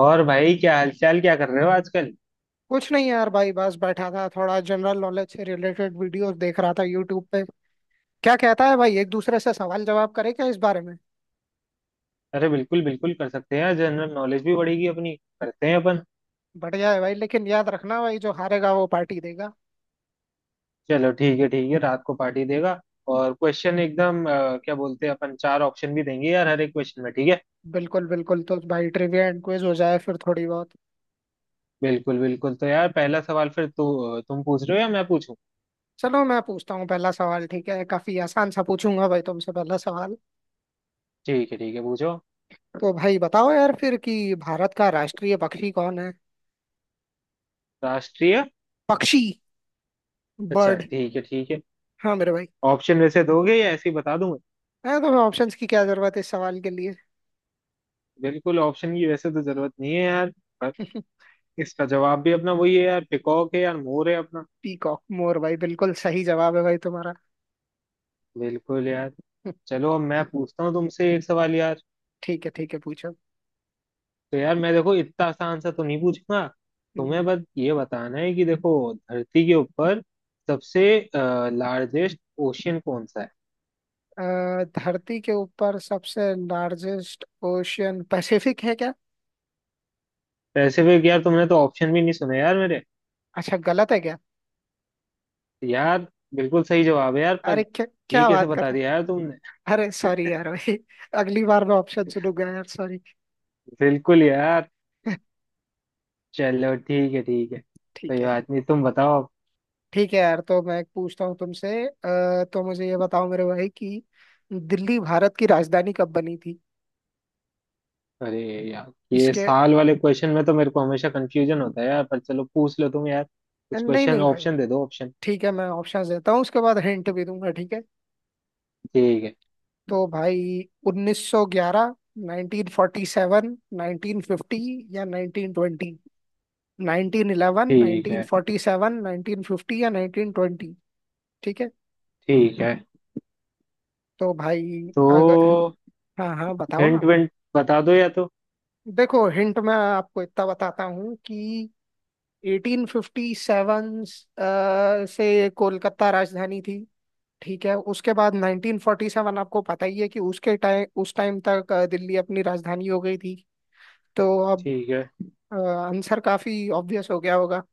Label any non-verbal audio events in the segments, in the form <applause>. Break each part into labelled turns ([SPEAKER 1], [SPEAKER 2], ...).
[SPEAKER 1] और भाई, क्या हालचाल? क्या कर रहे हो आजकल?
[SPEAKER 2] कुछ नहीं यार भाई बस बैठा था थोड़ा जनरल नॉलेज से रिलेटेड वीडियोस देख रहा था यूट्यूब पे। क्या कहता है भाई एक दूसरे से सवाल जवाब करे क्या इस बारे में?
[SPEAKER 1] अरे, बिल्कुल बिल्कुल, कर सकते हैं। जनरल नॉलेज भी बढ़ेगी अपनी। करते हैं अपन।
[SPEAKER 2] बढ़िया है भाई, लेकिन याद रखना भाई जो हारेगा वो पार्टी देगा।
[SPEAKER 1] चलो, ठीक है ठीक है, रात को पार्टी देगा। और क्वेश्चन एकदम क्या बोलते हैं अपन, चार ऑप्शन भी देंगे यार हर एक क्वेश्चन में। ठीक है?
[SPEAKER 2] बिल्कुल बिल्कुल। तो भाई ट्रिविया एंड क्विज हो जाए फिर थोड़ी बहुत।
[SPEAKER 1] बिल्कुल बिल्कुल, तो यार पहला सवाल फिर तू तुम पूछ रहे हो या मैं पूछूं?
[SPEAKER 2] चलो मैं पूछता हूँ पहला सवाल। ठीक है, काफी आसान सा पूछूंगा भाई तुमसे पहला सवाल।
[SPEAKER 1] ठीक है ठीक है, पूछो।
[SPEAKER 2] तो भाई बताओ यार फिर कि भारत का राष्ट्रीय पक्षी कौन है?
[SPEAKER 1] राष्ट्रीय।
[SPEAKER 2] पक्षी।
[SPEAKER 1] अच्छा,
[SPEAKER 2] बर्ड।
[SPEAKER 1] ठीक है ठीक है।
[SPEAKER 2] हाँ मेरे भाई।
[SPEAKER 1] ऑप्शन वैसे दोगे या ऐसे ही बता दूं मैं?
[SPEAKER 2] है तुम्हें ऑप्शंस की क्या जरूरत है इस सवाल के लिए?
[SPEAKER 1] बिल्कुल, ऑप्शन की वैसे तो जरूरत नहीं है यार। पर,
[SPEAKER 2] <laughs>
[SPEAKER 1] इसका जवाब भी अपना वही है यार, पिकॉक है यार, मोर है अपना।
[SPEAKER 2] पीकॉक, मोर भाई, बिल्कुल सही जवाब है भाई तुम्हारा।
[SPEAKER 1] बिल्कुल यार।
[SPEAKER 2] <laughs>
[SPEAKER 1] चलो, अब मैं पूछता हूँ तुमसे एक सवाल यार।
[SPEAKER 2] ठीक है ठीक है, पूछो।
[SPEAKER 1] तो यार, मैं देखो इतना आसान सा तो नहीं पूछूंगा।
[SPEAKER 2] हम्म।
[SPEAKER 1] तुम्हें बस ये बताना है कि देखो धरती के ऊपर सबसे लार्जेस्ट ओशियन कौन सा है।
[SPEAKER 2] धरती के ऊपर सबसे लार्जेस्ट ओशियन पैसिफिक है क्या?
[SPEAKER 1] पैसिफिक? यार तुमने तो ऑप्शन भी नहीं सुने यार मेरे।
[SPEAKER 2] अच्छा, गलत है क्या?
[SPEAKER 1] यार, बिल्कुल सही जवाब है यार,
[SPEAKER 2] अरे
[SPEAKER 1] पर
[SPEAKER 2] क्या
[SPEAKER 1] ये
[SPEAKER 2] क्या
[SPEAKER 1] कैसे
[SPEAKER 2] बात कर
[SPEAKER 1] बता
[SPEAKER 2] रहे
[SPEAKER 1] दिया यार तुमने?
[SPEAKER 2] हैं? अरे सॉरी यार भाई, <laughs> अगली बार मैं ऑप्शन सुनूंगा यार, सॉरी।
[SPEAKER 1] बिल्कुल यार।
[SPEAKER 2] <laughs>
[SPEAKER 1] चलो, ठीक है ठीक है, कोई
[SPEAKER 2] ठीक है।
[SPEAKER 1] बात नहीं, तुम बताओ।
[SPEAKER 2] ठीक है यार, तो मैं पूछता हूँ तुमसे। तो मुझे ये बताओ मेरे भाई कि दिल्ली भारत की राजधानी कब बनी थी?
[SPEAKER 1] अरे यार, ये
[SPEAKER 2] इसके
[SPEAKER 1] साल वाले क्वेश्चन में तो मेरे को हमेशा कंफ्यूजन होता है यार, पर चलो पूछ लो तुम यार कुछ
[SPEAKER 2] नहीं
[SPEAKER 1] क्वेश्चन,
[SPEAKER 2] नहीं भाई,
[SPEAKER 1] ऑप्शन दे दो, ऑप्शन।
[SPEAKER 2] ठीक है, मैं ऑप्शन देता हूँ, उसके बाद हिंट भी दूंगा, ठीक है।
[SPEAKER 1] ठीक है
[SPEAKER 2] तो भाई, 1911, 1947, 1950 या 1920। 1911,
[SPEAKER 1] ठीक है
[SPEAKER 2] 1947, 1950 या 1920। ठीक है।
[SPEAKER 1] ठीक है,
[SPEAKER 2] तो भाई अगर
[SPEAKER 1] तो
[SPEAKER 2] हाँ हाँ बताओ ना।
[SPEAKER 1] हिंट विंट बता दो या तो।
[SPEAKER 2] देखो हिंट मैं आपको इतना बताता हूँ कि 1857 से कोलकाता राजधानी थी। ठीक है, उसके बाद 1947 आपको पता ही है कि उसके टाइम उस टाइम तक दिल्ली अपनी राजधानी हो गई थी। तो अब
[SPEAKER 1] ठीक है
[SPEAKER 2] आंसर काफी ऑब्वियस हो गया होगा।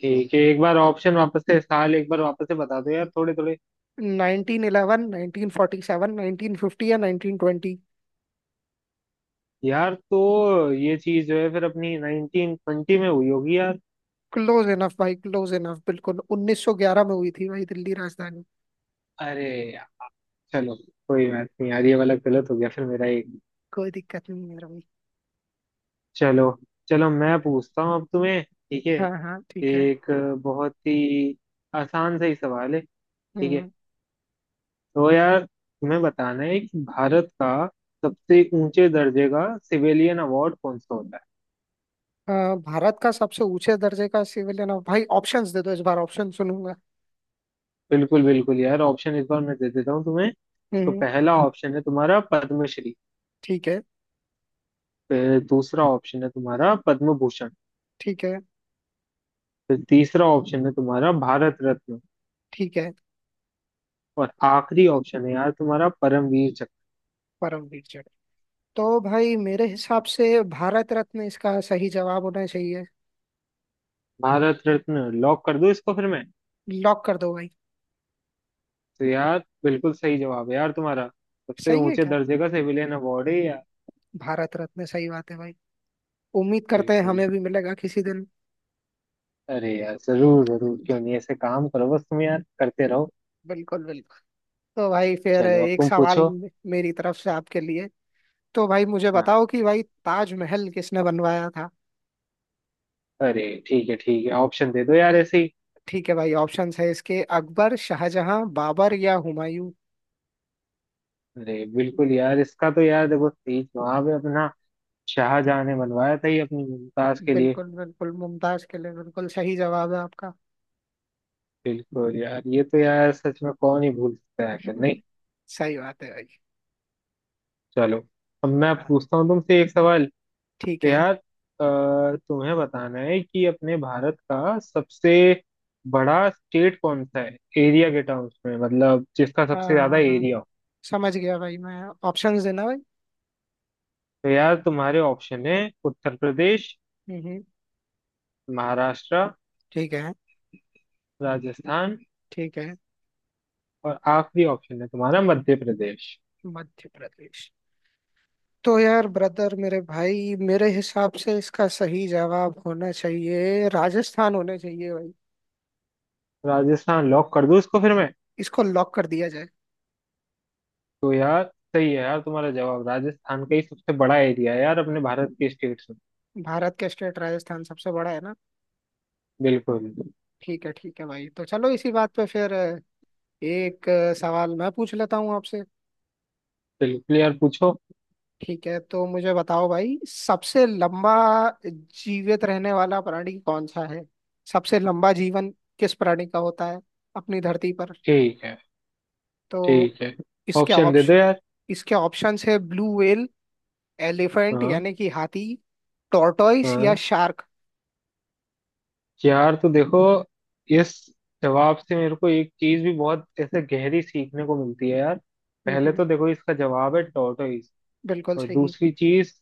[SPEAKER 1] ठीक है, एक बार ऑप्शन वापस से, साल एक बार वापस से बता दो यार, थोड़े थोड़े।
[SPEAKER 2] 1911, 1947, 1950 या 1920।
[SPEAKER 1] यार तो ये चीज जो है फिर अपनी 1920 में हुई होगी यार।
[SPEAKER 2] क्लोज इनफ भाई, क्लोज इनफ, बिल्कुल 1911 में हुई थी भाई दिल्ली राजधानी।
[SPEAKER 1] अरे यार, चलो कोई बात नहीं यार, ये वाला गलत हो गया फिर मेरा एक।
[SPEAKER 2] कोई दिक्कत नहीं है मेरा भाई।
[SPEAKER 1] चलो, चलो मैं पूछता हूँ अब तुम्हें। ठीक है?
[SPEAKER 2] हाँ हाँ ठीक है।
[SPEAKER 1] एक बहुत ही आसान सा ही सवाल है। ठीक है?
[SPEAKER 2] हम्म।
[SPEAKER 1] तो यार, तुम्हें बताना है कि भारत का सबसे ऊंचे दर्जे का सिविलियन अवार्ड कौन सा होता है।
[SPEAKER 2] भारत का सबसे ऊंचे दर्जे का सिविलियन ऑफ भाई, ऑप्शंस दे दो, इस बार ऑप्शन सुनूंगा।
[SPEAKER 1] बिल्कुल बिल्कुल यार, ऑप्शन इस बार मैं दे देता हूँ तुम्हें। तो
[SPEAKER 2] हम्म।
[SPEAKER 1] पहला ऑप्शन है तुम्हारा पद्मश्री।
[SPEAKER 2] ठीक है।
[SPEAKER 1] फिर दूसरा ऑप्शन है तुम्हारा पद्म भूषण।
[SPEAKER 2] ठीक है।
[SPEAKER 1] फिर तीसरा ऑप्शन है तुम्हारा भारत रत्न।
[SPEAKER 2] ठीक है।
[SPEAKER 1] और आखिरी ऑप्शन है यार तुम्हारा परमवीर चक्र।
[SPEAKER 2] परमवीर चटर्जी। तो भाई मेरे हिसाब से भारत रत्न इसका सही जवाब होना चाहिए।
[SPEAKER 1] भारत रत्न लॉक कर दूं इसको फिर मैं?
[SPEAKER 2] लॉक कर दो भाई।
[SPEAKER 1] तो यार बिल्कुल सही जवाब है यार तुम्हारा। सबसे
[SPEAKER 2] सही है
[SPEAKER 1] ऊंचे
[SPEAKER 2] क्या?
[SPEAKER 1] दर्जे का सिविलियन अवार्ड है यार।
[SPEAKER 2] भारत रत्न, सही बात है भाई। उम्मीद करते हैं
[SPEAKER 1] बिल्कुल।
[SPEAKER 2] हमें भी मिलेगा किसी दिन।
[SPEAKER 1] अरे यार, जरूर जरूर, क्यों नहीं, ऐसे काम करो बस तुम यार, करते रहो।
[SPEAKER 2] बिल्कुल बिल्कुल। तो भाई फिर
[SPEAKER 1] चलो, अब
[SPEAKER 2] एक
[SPEAKER 1] तुम
[SPEAKER 2] सवाल
[SPEAKER 1] पूछो।
[SPEAKER 2] मेरी तरफ से आपके लिए। तो भाई मुझे
[SPEAKER 1] हाँ।
[SPEAKER 2] बताओ कि भाई ताजमहल किसने बनवाया था?
[SPEAKER 1] अरे ठीक है ठीक है, ऑप्शन दे दो यार ऐसे ही।
[SPEAKER 2] ठीक है भाई, ऑप्शंस है इसके, अकबर, शाहजहां, बाबर या हुमायूं।
[SPEAKER 1] अरे बिल्कुल यार, इसका तो यार देखो सही जवाब है अपना, शाहजहां ने बनवाया था ये अपनी मुमताज के लिए।
[SPEAKER 2] बिल्कुल बिल्कुल, मुमताज के लिए, बिल्कुल सही जवाब है आपका।
[SPEAKER 1] बिल्कुल यार, ये तो यार सच में कौन ही भूल सकता है आखिर, नहीं?
[SPEAKER 2] <laughs> सही बात है भाई।
[SPEAKER 1] चलो, अब मैं
[SPEAKER 2] हाँ।
[SPEAKER 1] पूछता हूँ तुमसे एक सवाल।
[SPEAKER 2] ठीक
[SPEAKER 1] तो
[SPEAKER 2] है।
[SPEAKER 1] यार तुम्हें बताना है कि अपने भारत का सबसे बड़ा स्टेट कौन सा है एरिया के टर्म्स में, मतलब जिसका
[SPEAKER 2] हाँ
[SPEAKER 1] सबसे ज्यादा
[SPEAKER 2] हाँ हाँ,
[SPEAKER 1] एरिया हो।
[SPEAKER 2] समझ गया भाई मैं। ऑप्शंस देना भाई।
[SPEAKER 1] तो यार, तुम्हारे ऑप्शन है उत्तर प्रदेश,
[SPEAKER 2] हम्म, हम्म।
[SPEAKER 1] महाराष्ट्र,
[SPEAKER 2] ठीक है।
[SPEAKER 1] राजस्थान,
[SPEAKER 2] ठीक है।
[SPEAKER 1] और आखिरी ऑप्शन है तुम्हारा मध्य प्रदेश।
[SPEAKER 2] मध्य प्रदेश। तो यार ब्रदर, मेरे भाई, मेरे हिसाब से इसका सही जवाब होना चाहिए, राजस्थान होना चाहिए भाई।
[SPEAKER 1] राजस्थान लॉक कर दूं इसको फिर मैं?
[SPEAKER 2] इसको लॉक कर दिया जाए।
[SPEAKER 1] तो यार सही है यार तुम्हारा जवाब, राजस्थान का ही सबसे बड़ा एरिया है यार अपने भारत के स्टेट्स में।
[SPEAKER 2] भारत के स्टेट राजस्थान सबसे बड़ा है ना।
[SPEAKER 1] बिल्कुल।
[SPEAKER 2] ठीक है भाई, तो चलो इसी बात पे फिर एक सवाल मैं पूछ लेता हूँ आपसे।
[SPEAKER 1] बिल्कुल यार, पूछो।
[SPEAKER 2] ठीक है, तो मुझे बताओ भाई, सबसे लंबा जीवित रहने वाला प्राणी कौन सा है? सबसे लंबा जीवन किस प्राणी का होता है अपनी धरती पर?
[SPEAKER 1] ठीक है,
[SPEAKER 2] तो
[SPEAKER 1] ठीक है
[SPEAKER 2] इसके
[SPEAKER 1] ऑप्शन दे दो
[SPEAKER 2] ऑप्शन,
[SPEAKER 1] यार।
[SPEAKER 2] इसके ऑप्शंस है, ब्लू व्हेल, एलिफेंट
[SPEAKER 1] हाँ
[SPEAKER 2] यानी कि हाथी, टॉर्टोइस या
[SPEAKER 1] हाँ।
[SPEAKER 2] शार्क।
[SPEAKER 1] यार तो देखो, इस जवाब से मेरे को एक चीज भी बहुत ऐसे गहरी सीखने को मिलती है यार। पहले
[SPEAKER 2] हम्म,
[SPEAKER 1] तो देखो इसका जवाब है टॉर्टोइज।
[SPEAKER 2] बिल्कुल
[SPEAKER 1] और
[SPEAKER 2] सही।
[SPEAKER 1] दूसरी चीज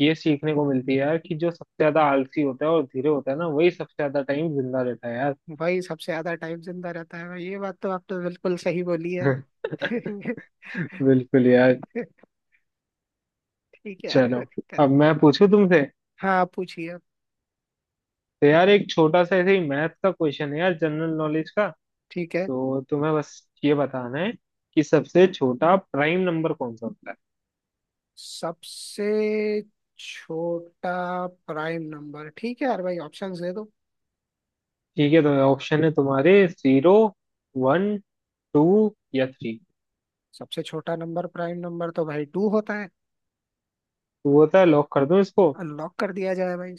[SPEAKER 1] ये सीखने को मिलती है यार कि जो सबसे ज्यादा आलसी होता है और धीरे होता है ना, वही सबसे ज्यादा टाइम जिंदा रहता है यार।
[SPEAKER 2] भाई सबसे ज्यादा टाइम जिंदा रहता है भाई, ये बात तो आपने बिल्कुल सही बोली है।
[SPEAKER 1] <laughs>
[SPEAKER 2] <laughs>
[SPEAKER 1] बिल्कुल यार।
[SPEAKER 2] ठीक है यार, कोई
[SPEAKER 1] चलो,
[SPEAKER 2] दिक्कत
[SPEAKER 1] अब
[SPEAKER 2] नहीं।
[SPEAKER 1] मैं पूछूं तुमसे।
[SPEAKER 2] हाँ आप पूछिए अब।
[SPEAKER 1] तो यार, एक छोटा सा ऐसे ही मैथ का क्वेश्चन है यार, जनरल नॉलेज का।
[SPEAKER 2] ठीक है।
[SPEAKER 1] तो तुम्हें बस ये बताना है कि सबसे छोटा प्राइम नंबर कौन सा होता है।
[SPEAKER 2] सबसे छोटा प्राइम नंबर, ठीक है यार भाई, ऑप्शंस दे दो।
[SPEAKER 1] ठीक है, तो ऑप्शन है तुम्हारे जीरो, वन, टू या थ्री।
[SPEAKER 2] सबसे छोटा नंबर, प्राइम नंबर तो भाई टू होता है।
[SPEAKER 1] तो वो था? लॉक कर दूं इसको?
[SPEAKER 2] अनलॉक कर दिया जाए भाई।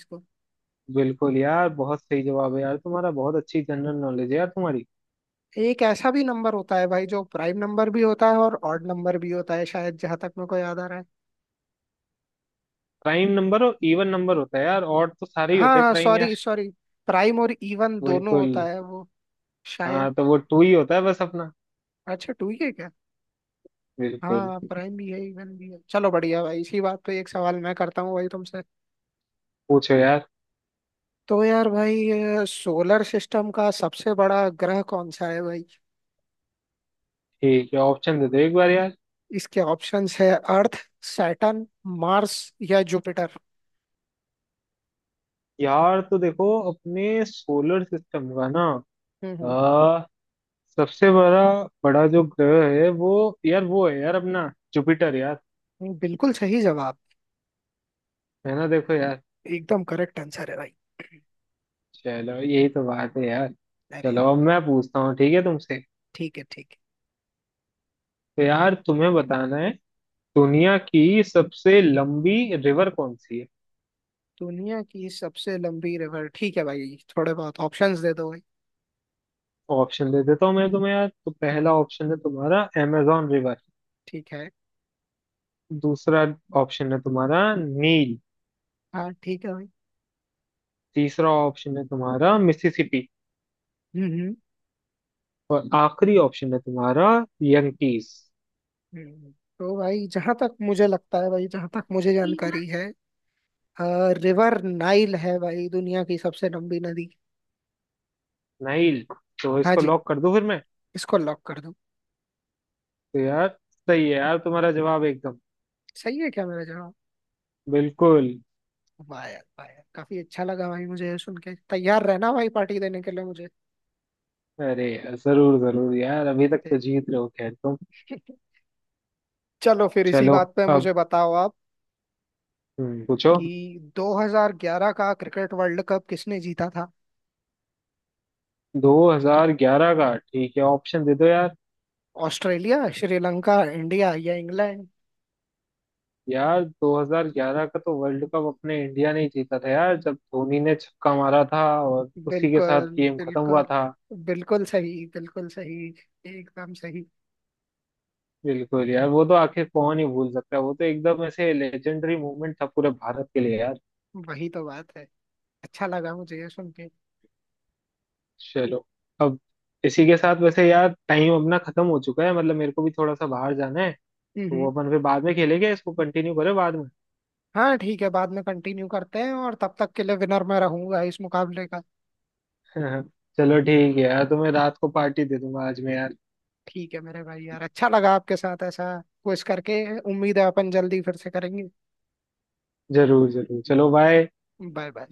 [SPEAKER 1] बिल्कुल यार, बहुत सही जवाब है यार तुम्हारा, बहुत अच्छी जनरल नॉलेज है यार तुम्हारी।
[SPEAKER 2] एक ऐसा भी नंबर होता है भाई जो प्राइम नंबर भी होता है और ऑड नंबर भी होता है, शायद, जहां तक मेरे को याद आ रहा है।
[SPEAKER 1] प्राइम नंबर और इवन नंबर होता है यार, और तो सारे ही
[SPEAKER 2] हाँ
[SPEAKER 1] होते हैं
[SPEAKER 2] हाँ
[SPEAKER 1] प्राइम यार।
[SPEAKER 2] Sorry sorry. प्राइम और इवन दोनों
[SPEAKER 1] बिल्कुल।
[SPEAKER 2] होता है वो, शायद।
[SPEAKER 1] हाँ, तो वो टू ही होता है बस अपना।
[SPEAKER 2] अच्छा, टू ही है क्या?
[SPEAKER 1] बिल्कुल।
[SPEAKER 2] हाँ, प्राइम भी है इवन भी है। चलो बढ़िया भाई, इसी बात पे एक सवाल मैं करता हूँ भाई तुमसे।
[SPEAKER 1] पूछो यार।
[SPEAKER 2] तो यार भाई, सोलर सिस्टम का सबसे बड़ा ग्रह कौन सा है भाई?
[SPEAKER 1] ठीक है, ऑप्शन दे दो एक बार यार।
[SPEAKER 2] इसके ऑप्शंस है, अर्थ, सैटर्न, मार्स या जुपिटर।
[SPEAKER 1] यार तो देखो अपने सोलर सिस्टम का ना,
[SPEAKER 2] हम्म,
[SPEAKER 1] आ, सबसे बड़ा बड़ा जो ग्रह है वो, यार वो है यार अपना जुपिटर यार।
[SPEAKER 2] बिल्कुल सही जवाब,
[SPEAKER 1] है ना? देखो यार।
[SPEAKER 2] एकदम करेक्ट आंसर है भाई।
[SPEAKER 1] चलो, यही तो बात है यार।
[SPEAKER 2] अरे
[SPEAKER 1] चलो अब मैं पूछता हूँ, ठीक है, तुमसे।
[SPEAKER 2] ठीक है, ठीक है।
[SPEAKER 1] तो यार तुम्हें बताना है दुनिया की सबसे लंबी रिवर कौन सी है।
[SPEAKER 2] दुनिया की सबसे लंबी रिवर, ठीक है भाई, थोड़े बहुत ऑप्शंस दे दो भाई।
[SPEAKER 1] ऑप्शन दे देता हूँ मैं तुम्हें यार, तो
[SPEAKER 2] हम्म,
[SPEAKER 1] पहला
[SPEAKER 2] हम्म।
[SPEAKER 1] ऑप्शन है तुम्हारा amazon रिवर।
[SPEAKER 2] ठीक है।
[SPEAKER 1] दूसरा ऑप्शन है तुम्हारा नील।
[SPEAKER 2] हाँ ठीक है भाई।
[SPEAKER 1] तीसरा ऑप्शन है तुम्हारा मिसिसिपी।
[SPEAKER 2] हम्म, हम्म।
[SPEAKER 1] और आखिरी ऑप्शन है तुम्हारा यंकीस।
[SPEAKER 2] हम्म। हम्म। तो भाई जहां तक मुझे लगता है भाई, जहां तक मुझे जानकारी है, रिवर नाइल है भाई दुनिया की सबसे लंबी नदी।
[SPEAKER 1] नाइल? तो
[SPEAKER 2] हाँ
[SPEAKER 1] इसको
[SPEAKER 2] जी।
[SPEAKER 1] लॉक कर दूं फिर मैं?
[SPEAKER 2] इसको लॉक कर दो।
[SPEAKER 1] तो यार सही है यार तुम्हारा जवाब एकदम।
[SPEAKER 2] सही है क्या मेरा जवाब?
[SPEAKER 1] बिल्कुल।
[SPEAKER 2] वाह यार, वाह यार, काफी अच्छा लगा भाई मुझे ये सुन के। तैयार रहना भाई, पार्टी देने के लिए मुझे।
[SPEAKER 1] अरे, जरूर जरूर यार, अभी तक तो
[SPEAKER 2] ठीक।
[SPEAKER 1] जीत रहे हो खैर तुम।
[SPEAKER 2] <laughs> चलो फिर इसी
[SPEAKER 1] चलो,
[SPEAKER 2] बात पे
[SPEAKER 1] अब
[SPEAKER 2] मुझे बताओ आप
[SPEAKER 1] पूछो।
[SPEAKER 2] कि 2011 का क्रिकेट वर्ल्ड कप किसने जीता था?
[SPEAKER 1] 2011 का? ठीक है, ऑप्शन दे दो यार।
[SPEAKER 2] ऑस्ट्रेलिया, श्रीलंका, इंडिया या इंग्लैंड।
[SPEAKER 1] यार 2011 का तो वर्ल्ड कप अपने इंडिया ने ही जीता था यार, जब धोनी ने छक्का मारा था और उसी के साथ
[SPEAKER 2] बिल्कुल
[SPEAKER 1] गेम खत्म
[SPEAKER 2] बिल्कुल,
[SPEAKER 1] हुआ था।
[SPEAKER 2] बिल्कुल सही, बिल्कुल सही, एकदम सही।
[SPEAKER 1] बिल्कुल यार, वो तो आखिर कौन ही भूल सकता है, वो तो एकदम ऐसे लेजेंडरी मूवमेंट था पूरे भारत के लिए यार।
[SPEAKER 2] वही तो बात है। अच्छा लगा मुझे ये सुन के।
[SPEAKER 1] चलो, अब इसी के साथ वैसे यार टाइम अपना खत्म हो चुका है, मतलब मेरे को भी थोड़ा सा बाहर जाना है।
[SPEAKER 2] हम्म,
[SPEAKER 1] तो वो अपन फिर बाद में खेलेंगे, इसको कंटिन्यू करें बाद में?
[SPEAKER 2] हाँ ठीक है, बाद में कंटिन्यू करते हैं, और तब तक के लिए विनर मैं रहूंगा इस मुकाबले का।
[SPEAKER 1] <laughs> चलो ठीक है यार, तुम्हें रात को पार्टी दे दूंगा आज मैं यार।
[SPEAKER 2] ठीक है मेरे भाई यार, अच्छा लगा आपके साथ ऐसा कुछ करके, उम्मीद है अपन जल्दी फिर से करेंगे।
[SPEAKER 1] जरूर जरूर, चलो बाय।
[SPEAKER 2] Bye bye.